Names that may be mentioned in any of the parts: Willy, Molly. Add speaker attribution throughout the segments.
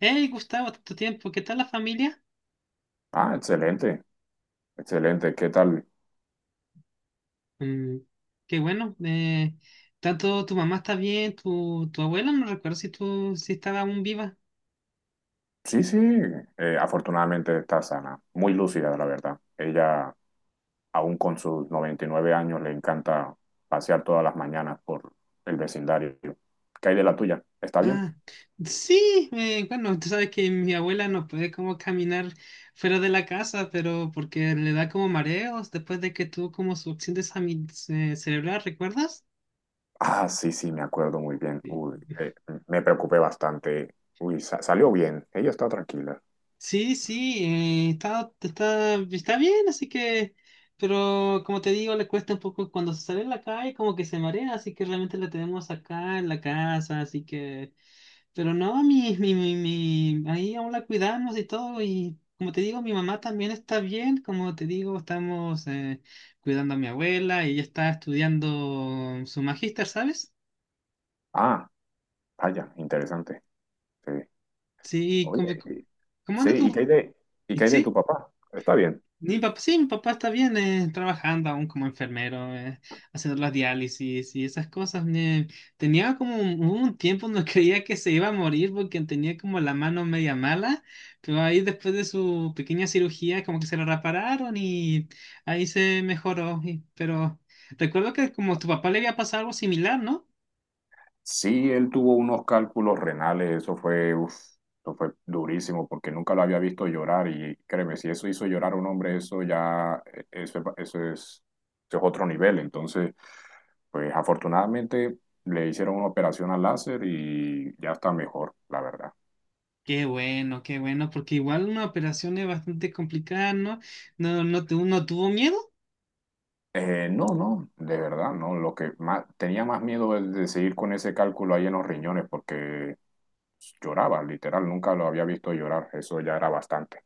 Speaker 1: Hey Gustavo, tanto tiempo, ¿qué tal la familia?
Speaker 2: Excelente, excelente. ¿Qué tal?
Speaker 1: Mm, Qué bueno. Tanto tu mamá está bien, tu abuela, no recuerdo si estaba aún viva.
Speaker 2: Sí, sí, afortunadamente está sana, muy lúcida, la verdad. Aún con sus 99 años, le encanta pasear todas las mañanas por el vecindario. ¿Qué hay de la tuya? ¿Está bien?
Speaker 1: Ah, sí, bueno, tú sabes que mi abuela no puede como caminar fuera de la casa, pero porque le da como mareos después de que tuvo como su accidente cerebral, ¿recuerdas?
Speaker 2: Ah, sí, sí, me acuerdo muy bien. Uy, me preocupé bastante. Uy, salió bien. Ella está tranquila.
Speaker 1: Sí, sí, está bien, así que, pero como te digo, le cuesta un poco cuando se sale a la calle, como que se marea, así que realmente la tenemos acá en la casa, así que, pero no, ahí aún la cuidamos y todo, y como te digo, mi mamá también está bien, como te digo, estamos cuidando a mi abuela y ella está estudiando su magíster, ¿sabes?
Speaker 2: Ah, vaya, interesante. Sí.
Speaker 1: Sí,
Speaker 2: Oye,
Speaker 1: cómo
Speaker 2: sí,
Speaker 1: anda tú?
Speaker 2: ¿y qué hay de tu
Speaker 1: ¿Sí?
Speaker 2: papá? Está bien.
Speaker 1: Mi papá, sí, mi papá está bien, trabajando aún como enfermero, haciendo las diálisis y esas cosas. Hubo un tiempo donde creía que se iba a morir porque tenía como la mano media mala, pero ahí después de su pequeña cirugía como que se la repararon y ahí se mejoró. Pero recuerdo que como tu papá le había pasado algo similar, ¿no?
Speaker 2: Sí, él tuvo unos cálculos renales, eso fue, uf, eso fue durísimo porque nunca lo había visto llorar y créeme, si eso hizo llorar a un hombre, eso es otro nivel. Entonces, pues afortunadamente le hicieron una operación al láser y ya está mejor, la verdad.
Speaker 1: Qué bueno, porque igual una operación es bastante complicada, ¿no? No, no, no tuvo miedo.
Speaker 2: No, no, de verdad, no. Lo que más tenía más miedo es de seguir con ese cálculo ahí en los riñones, porque lloraba, literal, nunca lo había visto llorar, eso ya era bastante.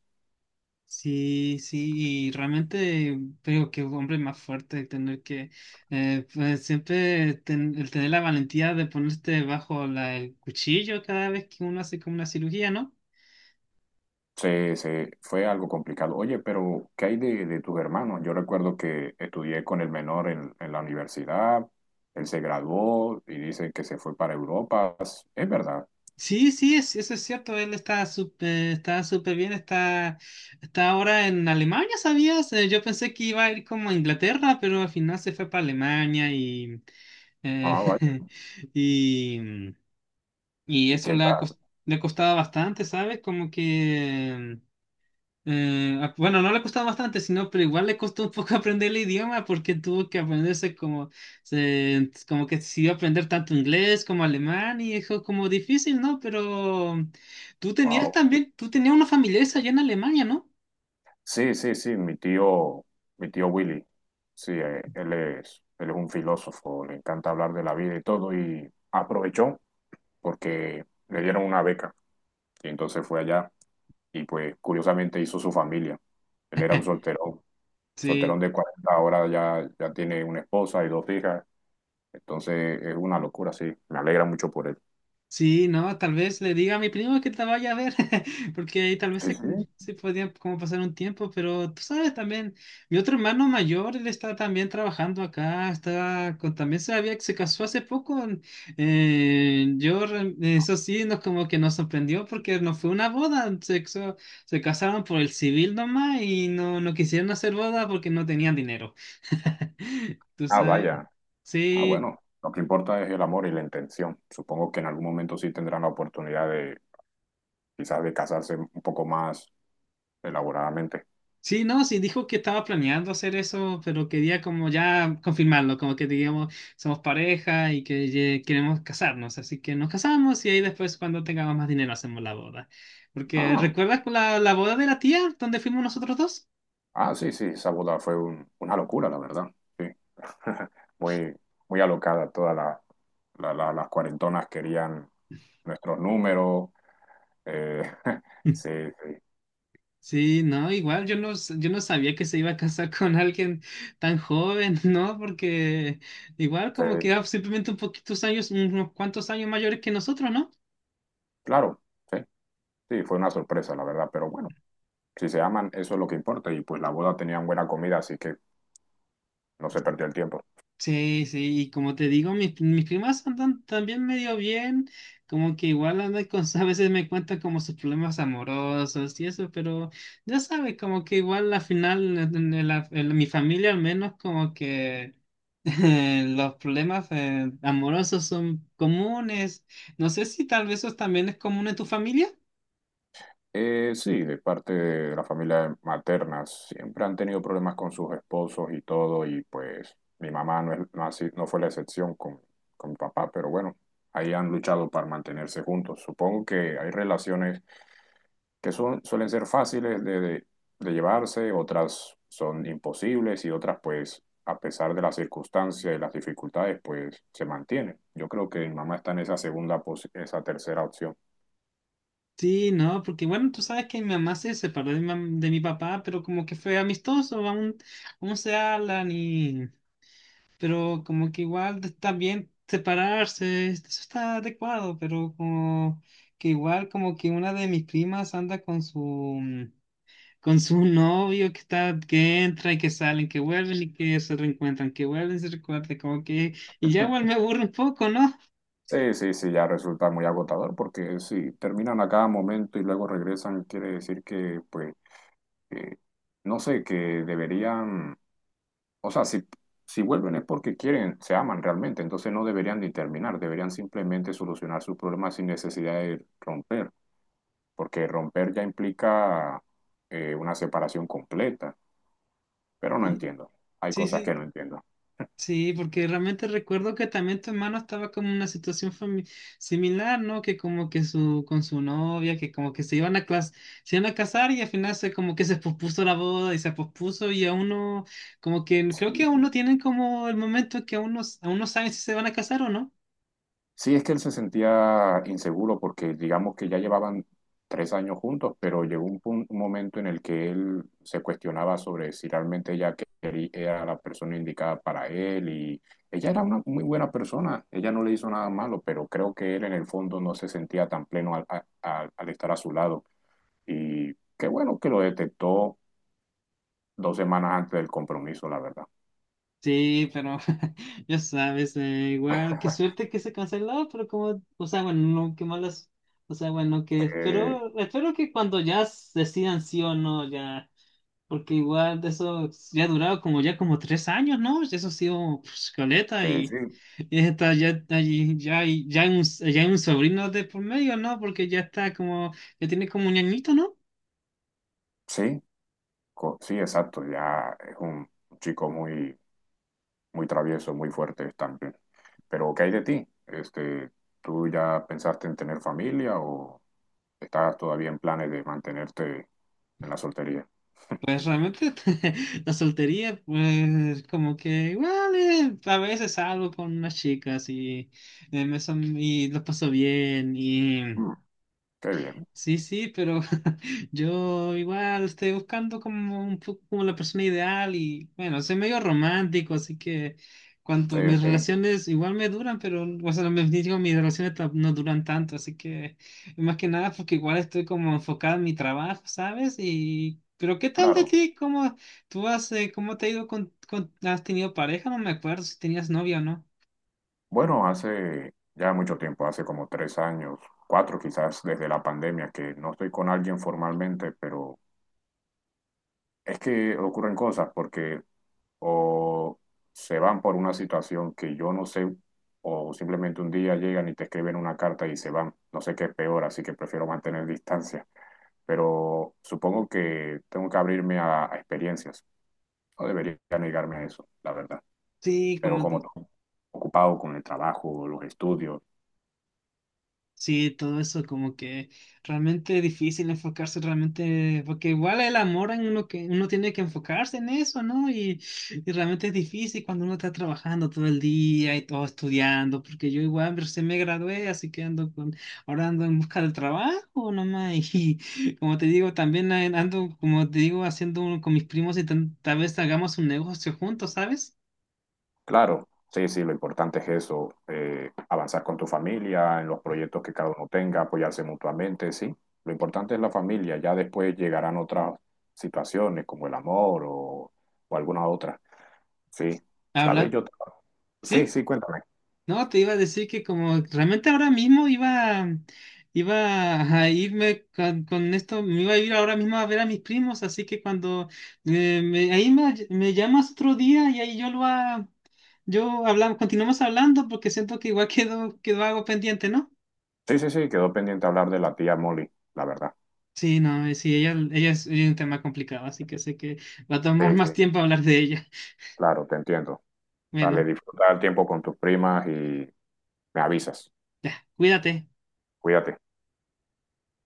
Speaker 1: Sí, sí, y realmente creo que un hombre más fuerte tener que pues siempre el tener la valentía de ponerte bajo el cuchillo cada vez que uno hace como una cirugía, ¿no?
Speaker 2: Se fue algo complicado. Oye, pero ¿de tus hermanos? Yo recuerdo que estudié con el menor en la universidad, él se graduó y dice que se fue para Europa. Es verdad.
Speaker 1: Sí, sí, eso es cierto, él está súper bien, está ahora en Alemania, ¿sabías? Yo pensé que iba a ir como a Inglaterra, pero al final se fue para Alemania. Eh,
Speaker 2: Ah, vaya.
Speaker 1: y Y
Speaker 2: ¿Y
Speaker 1: eso
Speaker 2: qué tal?
Speaker 1: le ha costado bastante, ¿sabes? Como que, bueno, no le costaba bastante, sino, pero igual le costó un poco aprender el idioma porque tuvo que aprenderse como, como que decidió aprender tanto inglés como alemán y dijo como difícil, ¿no? Pero tú tenías
Speaker 2: Wow.
Speaker 1: también, tú tenías una familia allá en Alemania, ¿no?
Speaker 2: Sí, sí, sí, mi tío Willy. Sí, él es un filósofo, le encanta hablar de la vida y todo, y aprovechó porque le dieron una beca. Y entonces fue allá y pues curiosamente hizo su familia. Él era un solterón, solterón
Speaker 1: Sí,
Speaker 2: de 40 ahora ya, ya tiene una esposa y dos hijas, entonces es una locura, sí, me alegra mucho por él.
Speaker 1: sí, no, tal vez le diga a mi primo que te vaya a ver, porque ahí tal vez
Speaker 2: Sí,
Speaker 1: se,
Speaker 2: sí.
Speaker 1: se podía como pasar un tiempo, pero tú sabes también, mi otro hermano mayor, él está también trabajando acá, está con, también se había, se casó hace poco, eso sí, nos como que nos sorprendió porque no fue una boda, se casaron por el civil nomás y no, no quisieron hacer boda porque no tenían dinero, tú
Speaker 2: Ah,
Speaker 1: sabes.
Speaker 2: vaya. Ah,
Speaker 1: Sí,
Speaker 2: bueno, lo que importa es el amor y la intención. Supongo que en algún momento sí tendrán la oportunidad de quizás de casarse un poco más elaboradamente.
Speaker 1: sí, no, sí, dijo que estaba planeando hacer eso, pero quería como ya confirmarlo, como que digamos, somos pareja y que queremos casarnos, así que nos casamos y ahí después cuando tengamos más dinero hacemos la boda. Porque
Speaker 2: Ah.
Speaker 1: ¿recuerdas la boda de la tía donde fuimos nosotros dos?
Speaker 2: Ah, sí, sí, esa boda fue una locura, la verdad. Sí. Muy, muy alocada. Todas la- la- la- Las cuarentonas querían nuestros números. Eh, sí, sí,
Speaker 1: Sí, no, igual yo no sabía que se iba a casar con alguien tan joven, ¿no? Porque igual como que
Speaker 2: sí,
Speaker 1: era simplemente un poquitos años, unos cuantos años mayores que nosotros, ¿no?
Speaker 2: claro, sí, sí, fue una sorpresa, la verdad. Pero bueno, si se aman, eso es lo que importa. Y pues la boda tenían buena comida, así que no se perdió el tiempo.
Speaker 1: Sí, sí, y como te digo, mis primas andan también medio bien, como que igual andan con, a veces me cuentan como sus problemas amorosos y eso, pero ya sabes, como que igual al final, en mi familia al menos, como que los problemas amorosos son comunes. No sé si tal vez eso también es común en tu familia.
Speaker 2: Sí, de parte de la familia materna, siempre han tenido problemas con sus esposos y todo, y pues mi mamá no, es- no, ha sido- no fue la excepción con mi papá, pero bueno, ahí han luchado para mantenerse juntos. Supongo que hay relaciones suelen ser fáciles de llevarse, otras son imposibles y otras pues a pesar de las circunstancias y las dificultades pues se mantienen. Yo creo que mi mamá está en esa tercera opción.
Speaker 1: Sí, no, porque bueno, tú sabes que mi mamá se separó de de mi papá, pero como que fue amistoso, aún se hablan. Y... Pero como que igual está bien separarse, eso está adecuado, pero como que igual como que una de mis primas anda con su novio que está, que entra y que salen, que vuelven y que se reencuentran, que vuelven y se recuerdan, como que. Y ya igual me aburre un poco, ¿no?
Speaker 2: Sí, sí, sí, ya resulta muy agotador porque si terminan a cada momento y luego regresan, quiere decir que, pues, que, no sé, que deberían, o sea, si, si vuelven es porque quieren, se aman realmente, entonces no deberían de terminar, deberían simplemente solucionar sus problemas sin necesidad de romper, porque romper ya implica una separación completa, pero no entiendo, hay
Speaker 1: Sí,
Speaker 2: cosas que
Speaker 1: sí,
Speaker 2: no entiendo.
Speaker 1: sí, porque realmente recuerdo que también tu hermano estaba como en una situación similar, ¿no? Que como que su, con su novia, que como que se iban a casar y al final se como que se pospuso la boda y se pospuso y aún no, como que creo que
Speaker 2: Sí.
Speaker 1: aún no tienen como el momento que aún no, aún no saben si se van a casar o no.
Speaker 2: Sí, es que él se sentía inseguro porque digamos que ya llevaban 3 años juntos, pero llegó un momento en el que él se cuestionaba sobre si realmente era la persona indicada para él y ella era una muy buena persona, ella no le hizo nada malo, pero creo que él en el fondo no se sentía tan pleno al estar a su lado y qué bueno que lo detectó 2 semanas antes del compromiso, la verdad.
Speaker 1: Sí, pero ya sabes, igual, qué suerte que se canceló, pero como, o sea, bueno, no, qué malas, o sea, bueno, que
Speaker 2: Eh,
Speaker 1: espero, espero que cuando ya decidan sí o no, ya. Porque igual de eso ya ha durado como ya como tres años, ¿no? Eso ha sido pues, caleta
Speaker 2: Sí, sí.
Speaker 1: y está ya, está ya, ya, ya hay un sobrino de por medio, ¿no? Porque ya está como, ya tiene como un añito, ¿no?
Speaker 2: Sí, sí, exacto, ya es un chico muy muy traviesos, muy fuertes también. Pero, ¿qué hay de ti? Este, ¿tú ya pensaste en tener familia o estás todavía en planes de mantenerte en la soltería?
Speaker 1: Pues realmente la soltería, pues como que igual a veces salgo con unas chicas y, y los paso bien y.
Speaker 2: Mm, qué bien.
Speaker 1: Sí, sí, pero yo igual estoy buscando como un poco como la persona ideal y bueno, soy medio romántico, así que cuanto
Speaker 2: Sí,
Speaker 1: mis
Speaker 2: sí,
Speaker 1: relaciones igual me duran, pero o sea, me digo, mis relaciones no duran tanto, así que más que nada porque igual estoy como enfocado en mi trabajo, ¿sabes? Y pero ¿qué tal de
Speaker 2: claro.
Speaker 1: ti? ¿Cómo tú has cómo te ha ido con, has tenido pareja? No me acuerdo si tenías novia o no.
Speaker 2: Bueno, hace ya mucho tiempo, hace como 3 años, cuatro quizás desde la pandemia, que no estoy con alguien formalmente, pero es que ocurren cosas porque o se van por una situación que yo no sé, o simplemente un día llegan y te escriben una carta y se van. No sé qué es peor, así que prefiero mantener distancia. Pero supongo que tengo que abrirme a experiencias. No debería negarme a eso, la verdad.
Speaker 1: Sí,
Speaker 2: Pero
Speaker 1: como
Speaker 2: como ocupado con el trabajo, los estudios,
Speaker 1: sí, todo eso como que realmente difícil enfocarse realmente, porque igual el amor en uno que uno tiene que enfocarse en eso, ¿no? Y realmente es difícil cuando uno está trabajando todo el día y todo estudiando, porque yo igual recién me gradué, así que ando con, ahora ando en busca del trabajo nomás, y como te digo, también ando, como te digo, haciendo con mis primos y tal vez hagamos un negocio juntos, ¿sabes?
Speaker 2: claro, sí, sí, lo importante es eso, avanzar con tu familia, en los proyectos que cada uno tenga, apoyarse mutuamente, sí. Lo importante es la familia, ya después llegarán otras situaciones como el amor o alguna otra. Sí, ¿sabes?
Speaker 1: Hablan,
Speaker 2: Yo... Sí,
Speaker 1: ¿sí?
Speaker 2: sí, cuéntame.
Speaker 1: No, te iba a decir que como realmente ahora mismo iba, iba a irme con, esto, me iba a ir ahora mismo a ver a mis primos, así que cuando ahí me llamas otro día y ahí yo hablamos, continuamos hablando porque siento que igual quedó, quedó algo pendiente, ¿no?
Speaker 2: Sí, sí, sí, quedó pendiente hablar de la tía Molly, la verdad.
Speaker 1: Sí, no, sí, ella es un tema complicado, así que sé que va a
Speaker 2: Sí,
Speaker 1: tomar
Speaker 2: sí,
Speaker 1: más tiempo hablar de ella.
Speaker 2: claro, te entiendo. Dale,
Speaker 1: Bueno,
Speaker 2: disfruta el tiempo con tus primas y me avisas.
Speaker 1: ya, cuídate.
Speaker 2: Cuídate.